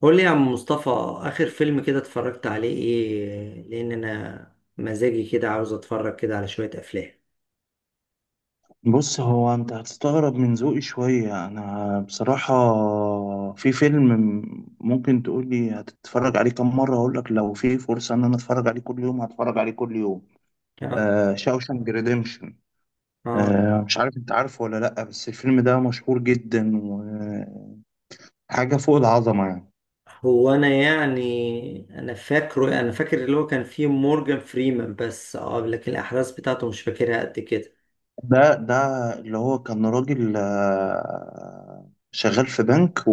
قول لي يا عم مصطفى، آخر فيلم كده اتفرجت عليه إيه؟ لأن أنا مزاجي كده عاوز أتفرج كده على شوية أفلام. بص، هو انت هتستغرب من ذوقي شوية. انا بصراحة في فيلم ممكن تقولي هتتفرج عليه كم مرة، هقولك لو في فرصة ان انا اتفرج عليه كل يوم هتفرج عليه كل يوم. آه. آه، شاوشانك ريديمشن. آه، مش عارف انت عارفه ولا لأ، بس الفيلم ده مشهور جدا وحاجة فوق العظمة يعني. هو أنا يعني أنا فاكر اللي هو كان فيه مورجان فريمان، بس آه لكن الأحداث بتاعته مش فاكرها قد كده. ده اللي هو كان راجل، شغال في بنك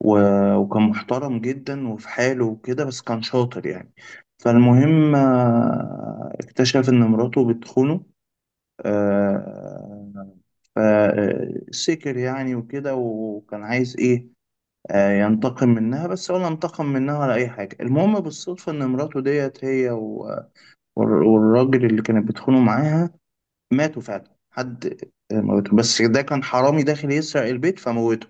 و- وكان محترم جدا وفي حاله وكده، بس كان شاطر يعني. فالمهم، اكتشف إن مراته بتخونه. آه، فسكر يعني وكده، وكان عايز إيه، ينتقم منها. بس ولا انتقم منها ولا أي حاجة، المهم بالصدفة إن مراته ديت هي و- والر- والراجل اللي كانت بتخونه معاها ماتوا فعلا. حد موته، بس ده كان حرامي داخل يسرق البيت فموته.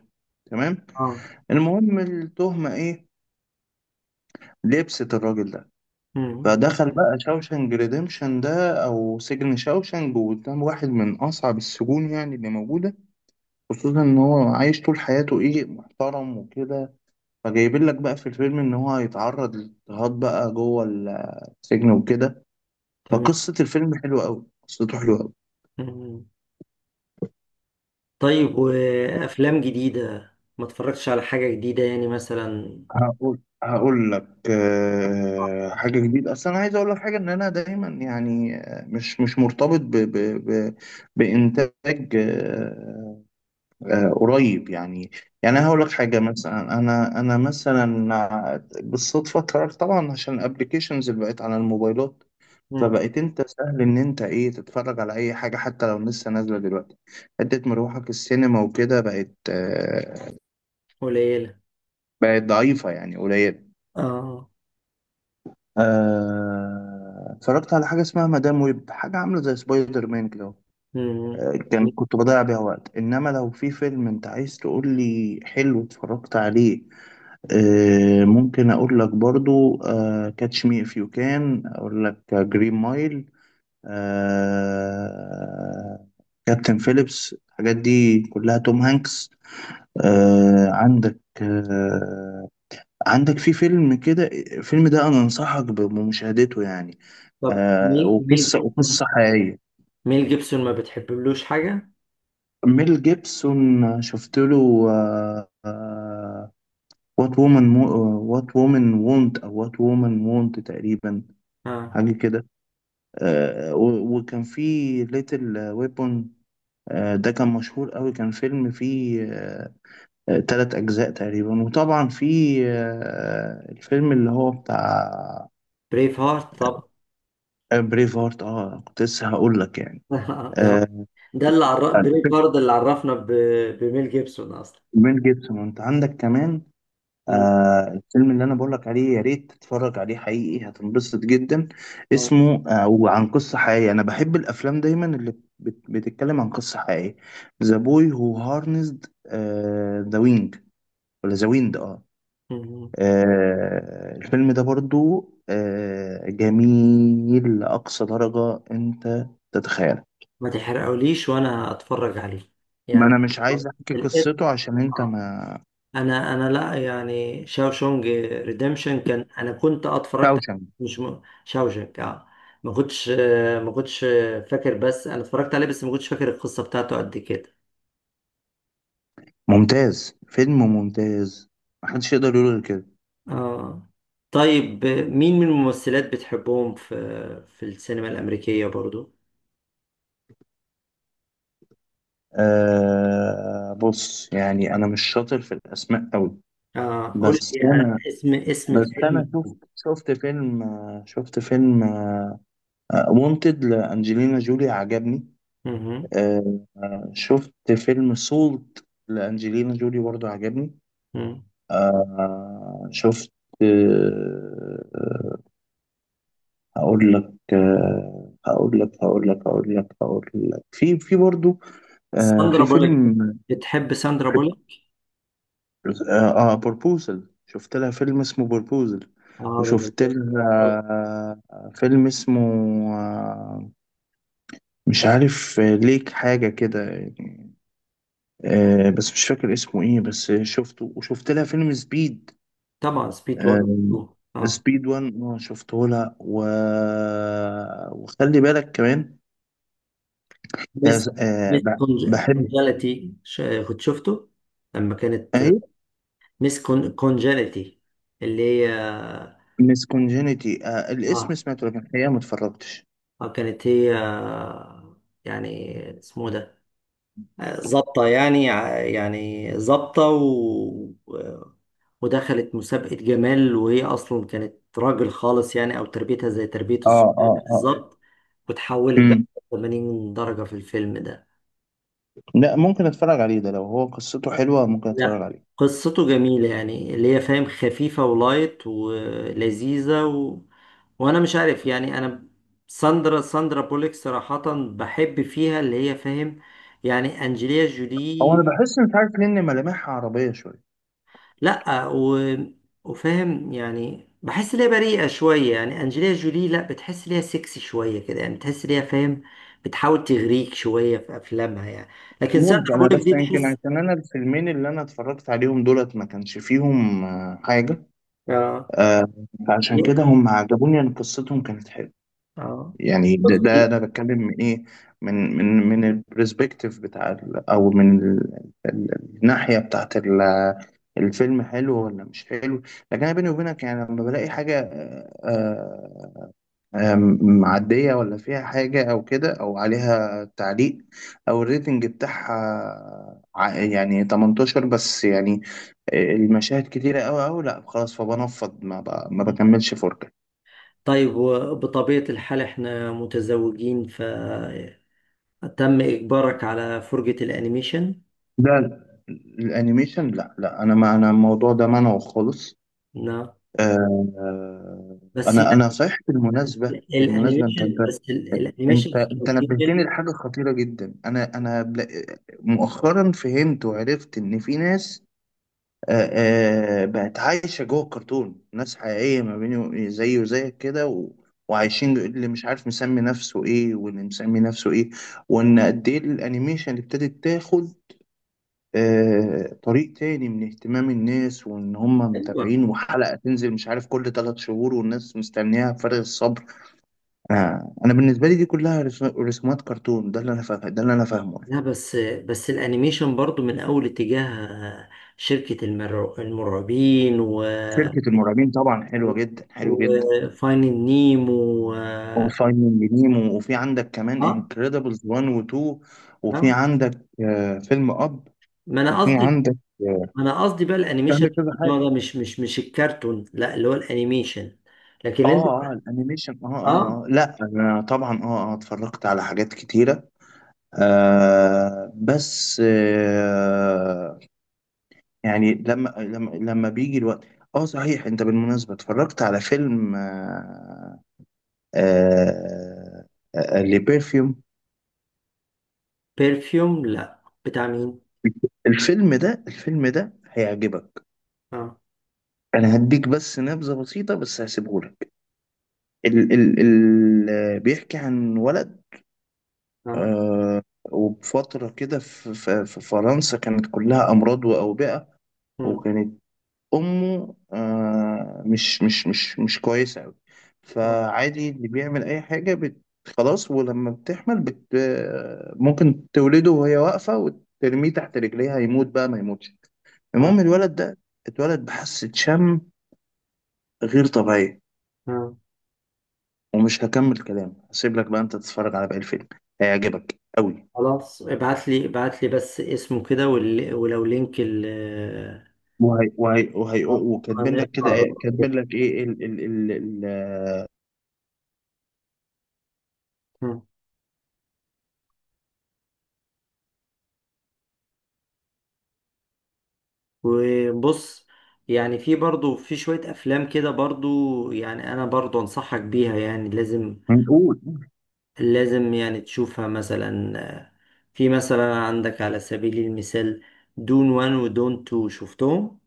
تمام. آه. المهم التهمة إيه، لبست الراجل ده. مم. فدخل بقى شاوشنج ريديمشن ده او سجن شاوشنج، وقدام واحد من اصعب السجون يعني اللي موجوده، خصوصا ان هو عايش طول حياته ايه، محترم وكده. فجايبين لك بقى في الفيلم ان هو هيتعرض لاضطهاد بقى جوه السجن وكده. تمام. فقصه الفيلم حلوه قوي، قصته حلوه قوي. مم. طيب، وأفلام جديدة؟ ما اتفرجتش على حاجة جديدة يعني مثلا؟ هقول لك حاجه جديده. اصل انا عايز اقول لك حاجه، ان انا دايما يعني، مش مرتبط ب بانتاج قريب يعني. يعني أنا مم. هقول لك حاجة مثلا، أنا مثلا بالصدفة قررت طبعا عشان الأبليكيشنز اللي بقت على الموبايلات. مم. فبقيت أنت سهل إن أنت إيه، تتفرج على أي حاجة حتى لو لسه نازلة دلوقتي. حتة مروحك السينما وكده بقت، قليلة. بقت ضعيفة يعني قليلة. آه. اتفرجت على حاجة اسمها مدام ويب، حاجة عاملة زي سبايدر مان كده. مم. كنت بضيع بيها وقت. إنما لو في فيلم أنت عايز تقول لي حلو اتفرجت عليه، ممكن اقول لك برضو كاتش مي اف يو كان، اقول لك جرين مايل، كابتن فيليبس، الحاجات دي كلها توم هانكس. عندك، عندك في فيلم كده، الفيلم ده انا انصحك بمشاهدته يعني. طب ميل وقصة جيبسون، وقصة حقيقية. ميل جيبسون ما بتحبلوش حاجة؟ ميل جيبسون شفت له وات وومن، وات وومن وونت او وات وومن وونت تقريبا، اه، حاجة كده. آه، و- وكان في ليتل ويبون. ده كان مشهور قوي، كان فيلم فيه تلات أجزاء تقريبا. وطبعا في الفيلم اللي هو بتاع بريف هارت طب. بريف هارت. اه، كنت لسه هقول لك يعني. ده آه، ده اللي عرف بريف فيلم هارت، اللي عرفنا ب... بميل جيبسون أصلا. ميل جيبسون انت عندك كمان. مم. آه، الفيلم اللي انا بقولك عليه يا ريت تتفرج عليه، حقيقي هتنبسط جدا. آه. اسمه، آه، وعن قصة حقيقية. انا بحب الافلام دايما اللي بتتكلم عن قصة حقيقية. ذا بوي هو هارنسد ذا وينج، ولا ذا ويند، اه. مم. آه، الفيلم ده برضو آه جميل لأقصى درجة انت تتخيلها. ما تحرقوليش وأنا أتفرج عليه ما انا يعني مش عايز احكي الاسم. قصته عشان انت آه. ما. أنا لا يعني شاوشونج ريديمشن كان، أنا كنت اتفرجت عليه، شاوشنج مش م... شاوشنج اه، ما كنتش فاكر، بس أنا اتفرجت عليه بس ما كنتش فاكر القصة بتاعته قد كده. ممتاز، فيلم ممتاز محدش يقدر يقول غير كده. اه. طيب، مين من الممثلات بتحبهم في في السينما الأمريكية برضو؟ آه، بص يعني انا مش شاطر في الاسماء قوي، اه قول بس لي انا اسم اسم الفيلم. شفت فيلم، شفت فيلم وونتد لانجلينا جولي عجبني. مهم. شفت فيلم سولت لانجلينا جولي برضو عجبني. مم. شفت، آه، هقول لك، آه هقول لك هقول لك هقول لك هقول لك في برضو آه، ساندرا في بولك، فيلم. بتحب ساندرا بولك؟ اه، بروبوزل، شفت لها فيلم اسمه بروبوزل. اه ده وشفت جميل. لها آه، فيلم اسمه، آه، مش عارف، ليك حاجة كده يعني. بس مش فاكر اسمه ايه، بس شفته. وشفت لها فيلم سبيد. طبعا سبيد 1 آه، و 2. اه، سبيد 1 اه، شفته لها. و... وخلي بالك كمان بس هز- آه، مس ب- بحب كونجاليتي كنت شفته لما كانت ايه، مس كونجاليتي اللي هي. ميس كونجينيتي. الاسم اه. سمعته، لكن الحقيقة ما اتفرجتش. كانت هي يعني اسمه ده ظابطة، يعني ع- يعني ظابطة، و... ودخلت مسابقة جمال وهي أصلا كانت راجل خالص يعني، أو تربيتها زي تربية اه الصبيان اه اه. بالظبط، وتحولت بقى مم. 80 درجة في الفيلم ده. لا، ممكن اتفرج عليه ده، لو هو قصته حلوه ممكن اتفرج لا، عليه. قصته جميلة يعني اللي هي فاهم، خفيفة ولايت ولذيذة. و... وأنا مش عارف يعني أنا ساندرا بوليك صراحة بحب فيها اللي هي فاهم. يعني أنجليا هو انا جولي بحس مش عارف ليه ان ملامحها عربيه شويه. لا، و... وفاهم يعني بحس ليها بريئة شوية، يعني أنجلينا جولي لا، بتحس ليها سكسي شوية كده يعني، بتحس ليها فاهم، بتحاول تغريك شوية في أفلامها يعني، لكن ممكن ساندرا انا بوليك بس، دي يمكن تحس. عشان انا الفيلمين اللي انا اتفرجت عليهم دولت ما كانش فيهم، حاجه، اه. آه، فعشان كده هم عجبوني، ان قصتهم كانت حلوه اه. يعني. ده انا بتكلم من ايه، من البرسبكتيف بتاع او من الناحيه بتاعت ال-، الفيلم حلو ولا مش حلو. لكن انا بيني وبينك يعني لما بلاقي حاجه، آه، آه، آم، معدية، ولا فيها حاجة أو كده، أو عليها تعليق، أو الريتنج بتاعها ع- يعني 18 بس يعني، المشاهد كتيرة أوي أوي، لأ خلاص، فبنفض. ما بكملش. 4K. طيب، وبطبيعة الحال احنا متزوجين فتم إجبارك على فرجة الأنيميشن؟ لا، الأنيميشن لأ لأ، أنا ما، أنا الموضوع ده منعه خالص. نعم، آه، بس أنا لا، أنا صحيح، بالمناسبة بالمناسبة، أنت أنت الأنيميشن، بس الأنيميشن أنت كان أنت فيه نبهتني لحاجة خطيرة جدا. أنا بلا-، مؤخرا فهمت وعرفت إن في ناس بقت عايشة جوه الكرتون. ناس حقيقية ما بيني زيه وزيك كده، و... وعايشين، اللي مش عارف مسمي نفسه ايه، واللي مسمي نفسه ايه. وان قد ايه الانيميشن اللي ابتدت تاخد آه طريق تاني من اهتمام الناس، وان هم منه. متابعين وحلقة تنزل مش عارف كل 3 شهور والناس مستنياها بفارغ الصبر. انا بالنسبة لي دي كلها رسومات كرتون، ده اللي انا فاهم ده اللي انا فاهمه. لا، بس بس الانيميشن برضو من اول اتجاه شركة المرعبين، و شركة المرعبين طبعا حلوة جدا حلوة جدا، وفاينل نيمو. و... اه. وفايندينج نيمو. وفي عندك كمان اه. انكريدبلز 1 و 2. وفي آه. عندك فيلم اب. ما انا وفي قصدي، عندك، ما انا قصدي بقى في الانيميشن عندك كذا النوع حاجه. ده، مش مش مش الكرتون، لا اللي هو الانيميشن. لكن انت؟ اه اه، الانيميشن اه اه، اه اه، لا انا طبعا اه اه اتفرجت على حاجات كتيره. آه بس آه، يعني لما بيجي الوقت. اه صحيح، انت بالمناسبه اتفرجت على فيلم، آه لبيرفيوم؟ بيرفيوم؟ لا، بتاع مين؟ الفيلم ده الفيلم ده هيعجبك. اه. انا هديك بس نبذه بسيطه، بس هسيبهولك. ال ال ال بيحكي عن ولد، اه. آه، وبفتره كده في فرنسا كانت كلها امراض واوبئه. مم. وكانت امه آه مش كويسه قوي. اه. فعادي اللي بيعمل اي حاجه بت، خلاص. ولما بتحمل بت، ممكن تولده وهي واقفه وترميه تحت رجليها يموت بقى ما يموتش. اه. المهم الولد ده اتولد بحاسه شم غير طبيعيه. آه. ومش هكمل كلام هسيب لك بقى انت تتفرج على باقي الفيلم، هيعجبك قوي. خلاص، ابعت لي ابعت لي بس اسمه كده وال- ولو لينك ال... وهي وكاتبين لك كده هنقرب ايه-، كده. كاتبين لك ايه ال ال ال ال مم. وبص، يعني في برضو في شوية أفلام كده برضو يعني أنا برضو أنصحك بيها، يعني لازم نقول. لازم يعني تشوفها مثلا. آه، في مثلا عندك على سبيل المثال دون وان ودون تو، شفتهم؟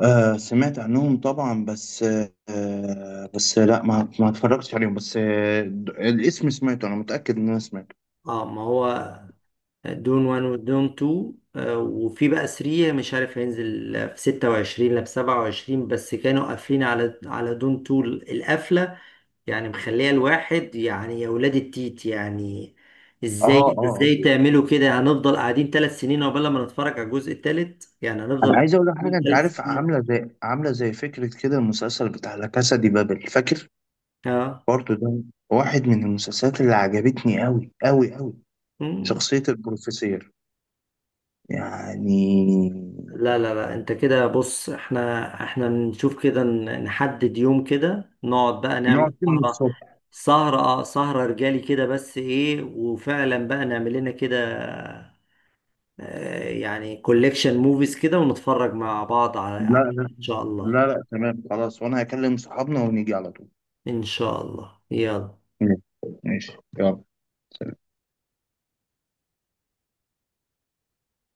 آه سمعت عنهم طبعا، بس آه، بس لا، ما اتفرجتش عليهم بس. آه، الاسم سمعته، انا متأكد ان انا سمعته. اه، ما هو دون وان ودون تو وفي بقى 3، مش عارف هينزل في 26 لا في 27، بس كانوا قافلين على على دون تو القفلة يعني، مخليه الواحد يعني يا ولاد التيت يعني اه ازاي اه اه. ازاي تعملوا كده، هنفضل قاعدين ثلاث سنين عقبال ما نتفرج على الجزء الثالث يعني، انا هنفضل عايز اقول لك حاجه، انت ثلاث عارف سنين. عامله زي، عامله زي فكره كده، المسلسل بتاع لا كاسا دي بابل فاكر؟ اه. برضه ده واحد من المسلسلات اللي عجبتني قوي قوي قوي، مم. شخصيه البروفيسور يعني. لا انت كده بص، احنا نشوف كده، ن- نحدد يوم كده نقعد بقى نعمل نقعد من سهرة. الصبح، سهرة اه، سهرة رجالي كده بس ايه، وفعلا بقى نعمل لنا كده آه، يعني كوليكشن موفيز كده، ونتفرج مع بعض على لا على- لا ان شاء الله. لا، لا تمام خلاص، وانا هكلم صحابنا ونيجي على طول. إن شاء الله، يلا. ماشي. ماشي. يلا.